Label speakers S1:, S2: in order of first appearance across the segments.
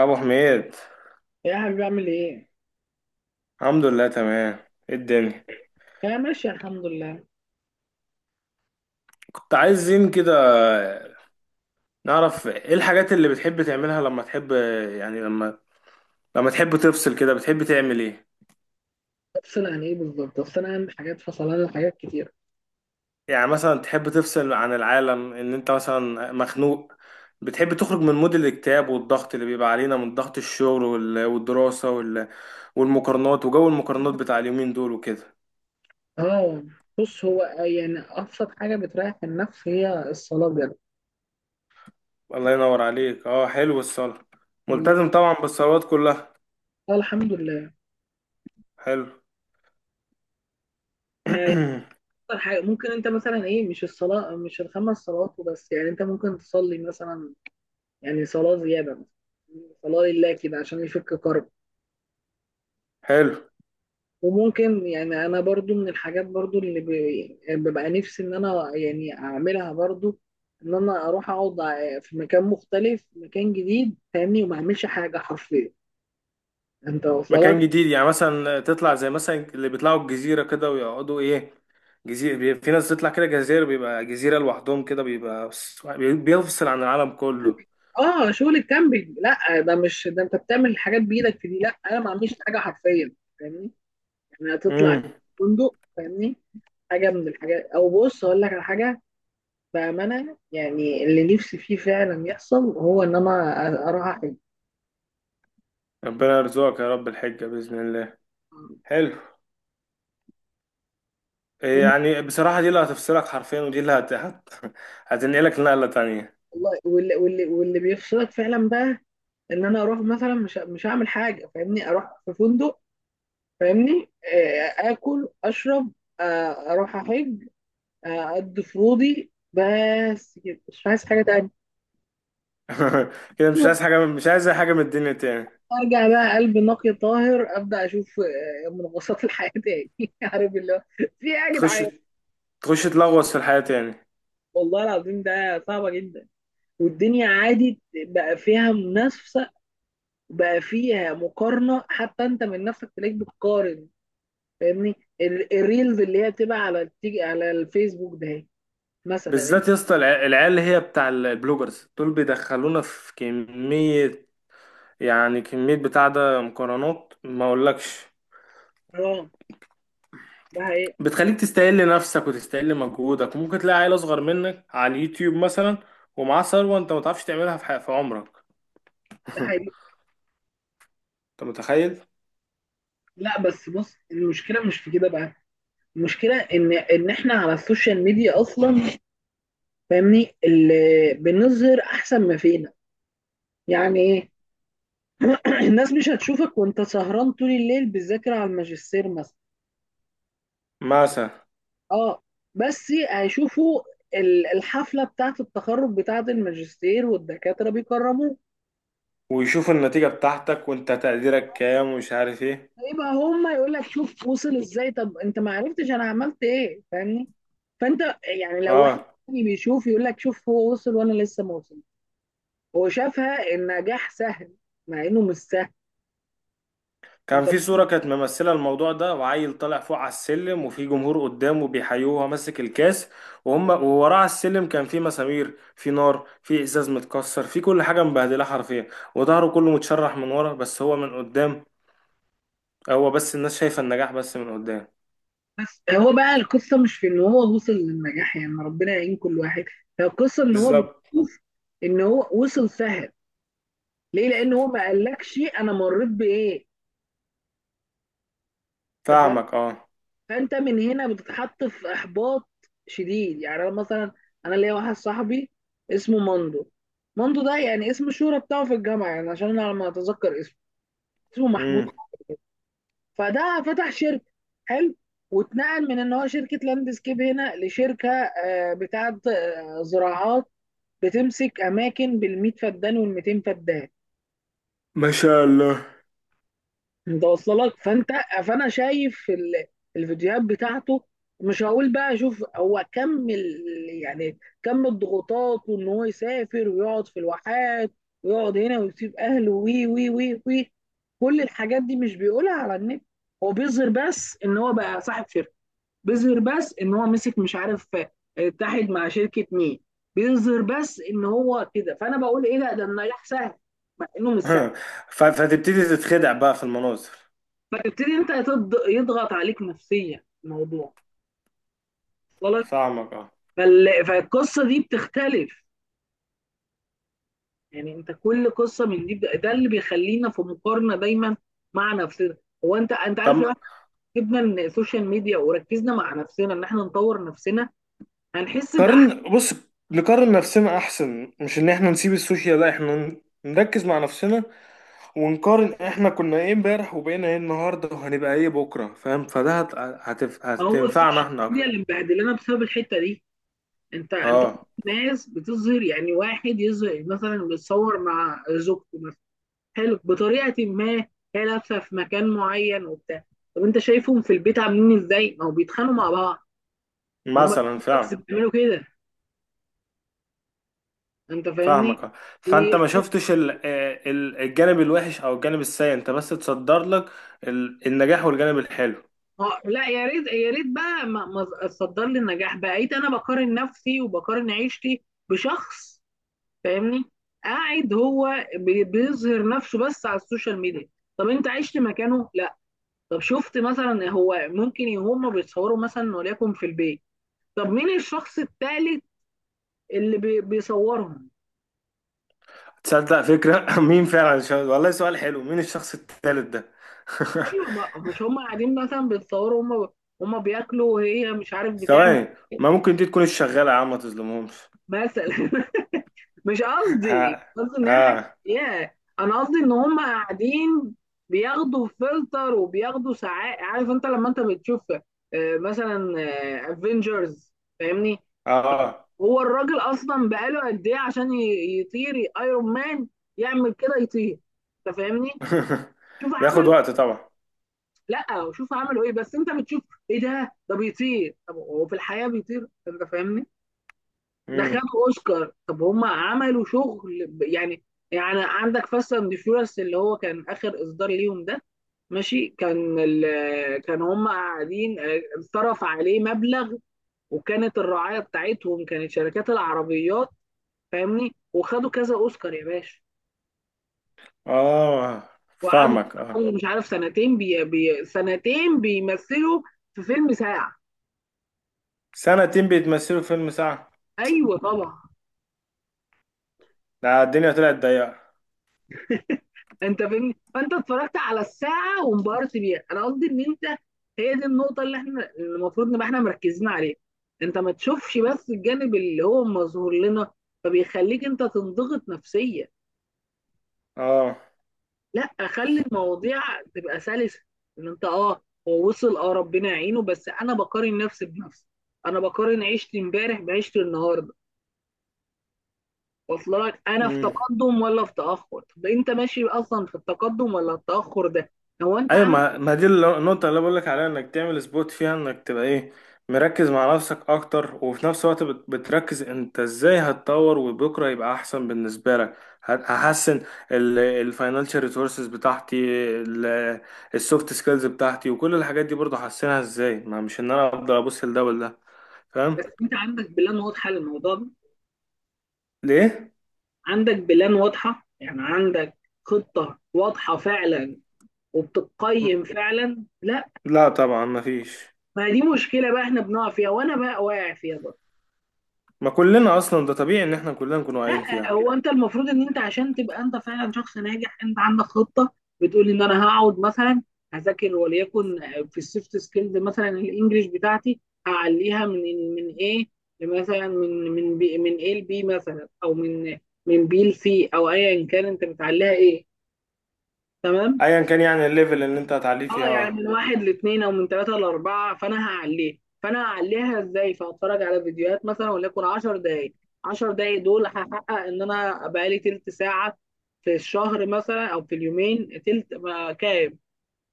S1: ابو حميد،
S2: يا حبيبي اعمل ايه؟
S1: الحمد لله تمام. ايه الدنيا؟
S2: يا ماشي الحمد لله.
S1: كنت عايزين كده نعرف ايه الحاجات اللي بتحب تعملها لما تحب. يعني لما تحب تفصل كده بتحب تعمل ايه؟
S2: تفصيل عن ايه بالظبط؟ تفصيل عن حاجات فصلان عن حاجات كتير.
S1: يعني مثلا تحب تفصل عن العالم ان انت مثلا مخنوق، بتحب تخرج من مود الاكتئاب والضغط اللي بيبقى علينا من ضغط الشغل والدراسة والمقارنات وجو المقارنات بتاع اليومين دول وكده.
S2: اه، بص هو يعني ابسط حاجه بتريح النفس هي الصلاه بجد.
S1: الله ينور عليك، اه، حلو الصلاة.
S2: والله
S1: ملتزم طبعا بالصلوات كلها.
S2: الحمد لله.
S1: حلو.
S2: فهي اكتر حاجه ممكن انت مثلا ايه، مش الصلاه، مش الخمس صلوات وبس. يعني انت ممكن تصلي مثلا، يعني صلاه زياده مثلا، صلاه لله كده عشان يفك كرب.
S1: حلو.
S2: وممكن يعني انا برضو من الحاجات برضو يعني ببقى نفسي ان انا يعني اعملها برضو، ان انا اروح اقعد في مكان مختلف، مكان جديد، فاهمني، وما اعملش حاجه حرفيا. انت واصله لك؟
S1: مكان جديد يعني مثلا تطلع زي مثلا اللي بيطلعوا الجزيرة كده ويقعدوا ايه، في ناس تطلع كده جزيرة بيبقى جزيرة لوحدهم كده بيبقى بيفصل عن العالم كله.
S2: اه شغل الكامبينج، لا ده مش ده، انت بتعمل حاجات بايدك في دي، لا انا ما اعملش حاجه حرفيا، فاهمني. يعني هتطلع
S1: امم
S2: فندق، فاهمني، حاجه من الحاجات. او بص اقول لك على حاجه، بامانه، يعني اللي نفسي فيه فعلا يحصل هو ان انا اروح أحج.
S1: ربنا يرزقك يا رب الحجة بإذن الله. حلو. إيه، يعني بصراحة دي اللي هتفصلك حرفيا ودي اللي هتنقلك لنقلة تانية.
S2: والله واللي, بيفصلك فعلا بقى، ان انا اروح مثلا، مش هعمل حاجه، فاهمني، اروح في فندق، فاهمني، اكل اشرب، اروح احج، اقضي فروضي، بس كده، مش عايز حاجه تانية.
S1: كده مش
S2: أيوة،
S1: عايز حاجة، مش عايز أي حاجة من الدنيا تاني.
S2: ارجع بقى قلب نقي طاهر، ابدا اشوف منغصات الحياه تاني. عارف اللي هو في ايه يا
S1: تخش
S2: جدعان؟
S1: تخش تلغوص في الحياة تاني.
S2: والله العظيم ده صعبه جدا. والدنيا عادي بقى فيها منافسه، بقى فيها مقارنه، حتى انت من نفسك تلاقيك بتقارن، فاهمني. الريلز اللي هي بتبقى على بتيجي على الفيسبوك ده هي، مثلا
S1: بالذات يا اسطى العيال اللي هي بتاع البلوجرز دول بيدخلونا في كمية، يعني كمية بتاع ده مقارنات ما اقولكش.
S2: انستغرام، ده هي،
S1: بتخليك تستقل نفسك وتستقل مجهودك، وممكن تلاقي عيل اصغر منك على اليوتيوب مثلا، ومعاه ثروة انت ما تعرفش تعملها في في عمرك.
S2: ده هي.
S1: انت متخيل؟
S2: لا بس بص، المشكله مش في كده بقى، المشكله ان احنا على السوشيال ميديا اصلا، فاهمني، اللي بنظهر احسن ما فينا. يعني ايه؟ الناس مش هتشوفك وانت سهران طول الليل بتذاكر على الماجستير مثلا.
S1: مثلا،
S2: اه، بس هيشوفوا الحفله بتاعه التخرج بتاعه الماجستير والدكاتره بيكرموك.
S1: ويشوف النتيجة بتاعتك وانت تقديرك كام ومش عارف ايه.
S2: يبقى هما يقول لك شوف وصل ازاي، طب انت ما عرفتش انا عملت ايه، فاهمني، فانت يعني لو واحد
S1: اه.
S2: تاني بيشوف يقول لك شوف هو وصل وانا لسه ما وصل. هو شافها النجاح سهل، مع انه مش سهل.
S1: كان
S2: انت
S1: في صورة كانت ممثلة الموضوع ده وعيل طالع فوق على السلم وفي جمهور قدامه بيحيوه وهو ماسك الكاس، وهم ووراه على السلم كان في مسامير، في نار، في ازاز متكسر، في كل حاجة مبهدلة حرفيا، وظهره كله متشرح من ورا، بس هو من قدام. هو بس الناس شايفة النجاح بس من قدام.
S2: بس هو بقى القصه مش في ان هو وصل للنجاح، يعني ربنا يعين كل واحد، هي القصه ان هو
S1: بالظبط.
S2: بيشوف ان هو وصل سهل. ليه؟ لان هو ما قالكش انا مريت بايه،
S1: فاهمك، اه.
S2: فانت من هنا بتتحط في احباط شديد. يعني انا مثلا انا ليا واحد صاحبي اسمه ماندو. ماندو ده يعني اسم الشهرة بتاعه في الجامعه، يعني عشان انا لما اتذكر اسمه، اسمه محمود.
S1: امم
S2: فده فتح شركه، حلو، واتنقل من ان هو شركه لاندسكيب هنا لشركه بتاعه زراعات، بتمسك اماكن بال100 فدان وال200 فدان.
S1: ما شاء الله.
S2: انت واصله لك؟ فانت، فانا شايف الفيديوهات بتاعته، مش هقول بقى شوف هو كم يعني كم الضغوطات، وان هو يسافر ويقعد في الواحات، ويقعد هنا، ويسيب اهله، وي وي وي وي كل الحاجات دي مش بيقولها على النت. هو بيظهر بس ان هو بقى صاحب شركه، بيظهر بس ان هو مسك مش عارف اتحد مع شركه مين، بيظهر بس ان هو كده. فانا بقول ايه ده النجاح سهل، مع انه مش سهل.
S1: فتبتدي تتخدع بقى في المناظر.
S2: فتبتدي انت يضغط عليك نفسيا الموضوع، وصلك؟
S1: فاهمك، اه.
S2: فالقصه دي بتختلف، يعني انت كل قصه من دي ده اللي بيخلينا في مقارنه دايما مع نفسنا. هو انت عارف لو
S1: طب
S2: احنا جبنا السوشيال ميديا وركزنا مع نفسنا ان احنا نطور نفسنا، هنحس باحسن.
S1: قارن، بص، نقارن نفسنا احسن، مش ان احنا نسيب السوشيال، لا احنا نركز مع نفسنا ونقارن احنا كنا ايه امبارح وبقينا ايه النهارده وهنبقى ايه بكره، فاهم. فده
S2: هو
S1: هتنفعنا
S2: السوشيال
S1: احنا
S2: ميديا
S1: اكتر.
S2: اللي مبهدلانا بسبب الحته دي. انت كل
S1: اه،
S2: الناس بتظهر، يعني واحد يظهر مثلا بيتصور مع زوجته، حلو، بطريقه ما، هي لابسه في مكان معين وبتاع. طب انت شايفهم في البيت عاملين ازاي؟ ما هو بيتخانقوا مع بعض، ما هم
S1: مثلا
S2: بس
S1: فعلا.
S2: بيعملوا كده، انت فاهمني؟
S1: فاهمك، آه. فانت
S2: بي-
S1: ما شفتش الجانب الوحش او الجانب السيء، انت بس تصدر لك النجاح والجانب الحلو.
S2: اه، لا يا ريت يا ريت بقى ما تصدر لي النجاح، بقيت انا بقارن نفسي وبقارن عيشتي بشخص، فاهمني، قاعد هو بيظهر نفسه بس على السوشيال ميديا. طب انت عشت مكانه؟ لا. طب شفت مثلا، هو ممكن هم بيتصوروا مثلا وليكن في البيت، طب مين الشخص الثالث اللي بيصورهم؟
S1: تصدق فكرة، مين فعلا والله سؤال حلو، مين الشخص الثالث ده؟
S2: ايوه، ما مش هم قاعدين مثلا بيتصوروا هم، هم بياكلوا وهي مش عارف بتعمل
S1: ثواني، ما ممكن دي تكون الشغالة يا عم، ما تظلمهمش.
S2: مثلا. مش قصدي
S1: ها،
S2: مش قصدي ان هي حاجه
S1: ها،
S2: يا، انا قصدي ان هم قاعدين بياخدوا فلتر وبياخدوا ساعات. عارف انت لما انت بتشوف مثلا افنجرز، فاهمني،
S1: اه.
S2: هو الراجل اصلا بقاله قد ايه عشان يطير ايرون مان، يعمل كده يطير، انت فاهمني؟ شوف
S1: بياخد
S2: عمل،
S1: وقت طبعا.
S2: لا وشوف عملوا ايه، بس انت بتشوف ايه ده، ده بيطير، طب هو في الحياه بيطير؟ انت فاهمني، ده
S1: امم
S2: خدوا اوسكار. طب هم عملوا شغل يعني، يعني عندك فاست اند فيورس اللي هو كان اخر اصدار ليهم ده، ماشي، كان كان هم قاعدين اتصرف عليه مبلغ، وكانت الرعايه بتاعتهم كانت شركات العربيات، فاهمني، وخدوا كذا اوسكار يا باشا،
S1: اه،
S2: وقعدوا
S1: فاهمك، اه.
S2: مش عارف سنتين بي بي سنتين بيمثلوا في فيلم ساعه.
S1: سنتين بيتمثلوا في فيلم ساعة؟
S2: ايوه طبعا.
S1: ده الدنيا طلعت ضيقة.
S2: انت فاهمني، فانت اتفرجت على الساعه وانبهرت بيها. انا قصدي ان انت، هي دي النقطه اللي احنا اللي المفروض نبقى احنا مركزين عليها. انت ما تشوفش بس الجانب اللي هو مظهور لنا، فبيخليك انت تنضغط نفسيا.
S1: اه،
S2: لا، خلي المواضيع تبقى سلسه، ان انت اه هو وصل اه ربنا يعينه، بس انا بقارن نفسي بنفسي، انا بقارن عيشتي امبارح بعيشتي النهارده، واصل لك؟ انا في
S1: امم
S2: تقدم ولا في تاخر، طب انت ماشي اصلا في التقدم ولا التاخر ده؟ هو انت،
S1: ايوه، ما دي النقطة اللي بقولك عليها، انك تعمل سبوت فيها، انك تبقى ايه، مركز مع نفسك اكتر وفي نفس الوقت بتركز انت ازاي هتطور وبكرة يبقى احسن بالنسبة لك. هحسن الفاينانشال ريسورسز بتاعتي، السوفت سكيلز بتاعتي، وكل الحاجات دي برضه هحسنها ازاي، ما مش ان انا افضل ابص لده ولا.
S2: بس
S1: فاهم؟
S2: انت عندك بلان واضحه للموضوع ده،
S1: ليه؟
S2: عندك بلان واضحه، يعني عندك خطه واضحه فعلا،
S1: م-
S2: وبتقيم فعلا؟ لا.
S1: لا طبعا، ما فيش.
S2: ما دي مشكله بقى احنا بنقع فيها، وانا بقى واقع فيها برضه.
S1: ما كلنا اصلا، ده طبيعي ان احنا كلنا نكون واقعين
S2: لا،
S1: فيها.
S2: هو انت المفروض ان انت عشان تبقى انت فعلا شخص ناجح، انت عندك خطه، بتقول ان انا هقعد مثلا هذاكر وليكن في السوفت سكيلز مثلا، الانجليش بتاعتي هعليها من ايه، مثلا من بي من ايه لبي مثلا، او من بي لسي، او ايا كان انت بتعليها ايه، تمام؟
S1: ايا كان يعني الليفل اللي انت هتعليه فيها،
S2: اه، يعني
S1: اه.
S2: من واحد لاثنين، او من ثلاثه لاربعه، فانا هعليه، فانا هعليها ازاي؟ فهتفرج على فيديوهات مثلا وليكن 10 دقائق. 10 دقائق دول هحقق ان انا بقالي تلت ساعه في الشهر مثلا، او في اليومين تلت ما كام؟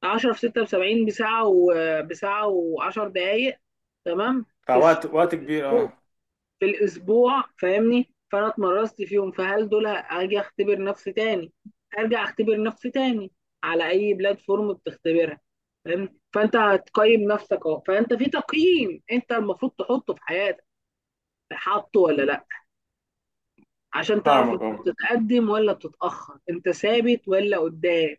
S2: 10 في 6 ب 70، بساعه، وبساعه و10 دقائق، تمام،
S1: فوقت، وقت كبير، اه.
S2: في الاسبوع، فاهمني. فانا اتمرست فيهم، فهل دول هاجي اختبر نفسي تاني، ارجع اختبر نفسي تاني على اي بلاتفورم بتختبرها، فاهم؟ فانت هتقيم نفسك اهو، فانت في تقييم انت المفروض تحطه في حياتك، حاطه ولا لا؟ عشان تعرف
S1: فاهمك،
S2: انت
S1: اه.
S2: بتتقدم ولا بتتاخر، انت ثابت ولا قدام.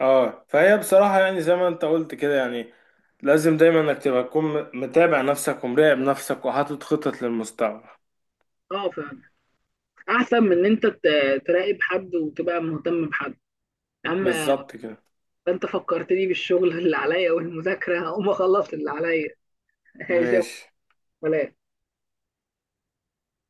S1: اه، فهي بصراحة يعني زي ما انت قلت كده، يعني لازم دايما انك تبقى تكون متابع نفسك ومراقب نفسك وحاطط خطط للمستقبل.
S2: اه فاهم. احسن من ان انت تراقب حد وتبقى مهتم بحد، يا عم.
S1: بالظبط كده.
S2: انت فكرتني بالشغل اللي عليا والمذاكره، هقوم اخلص اللي عليا. ماشي يا أبو
S1: ماشي.
S2: فلان.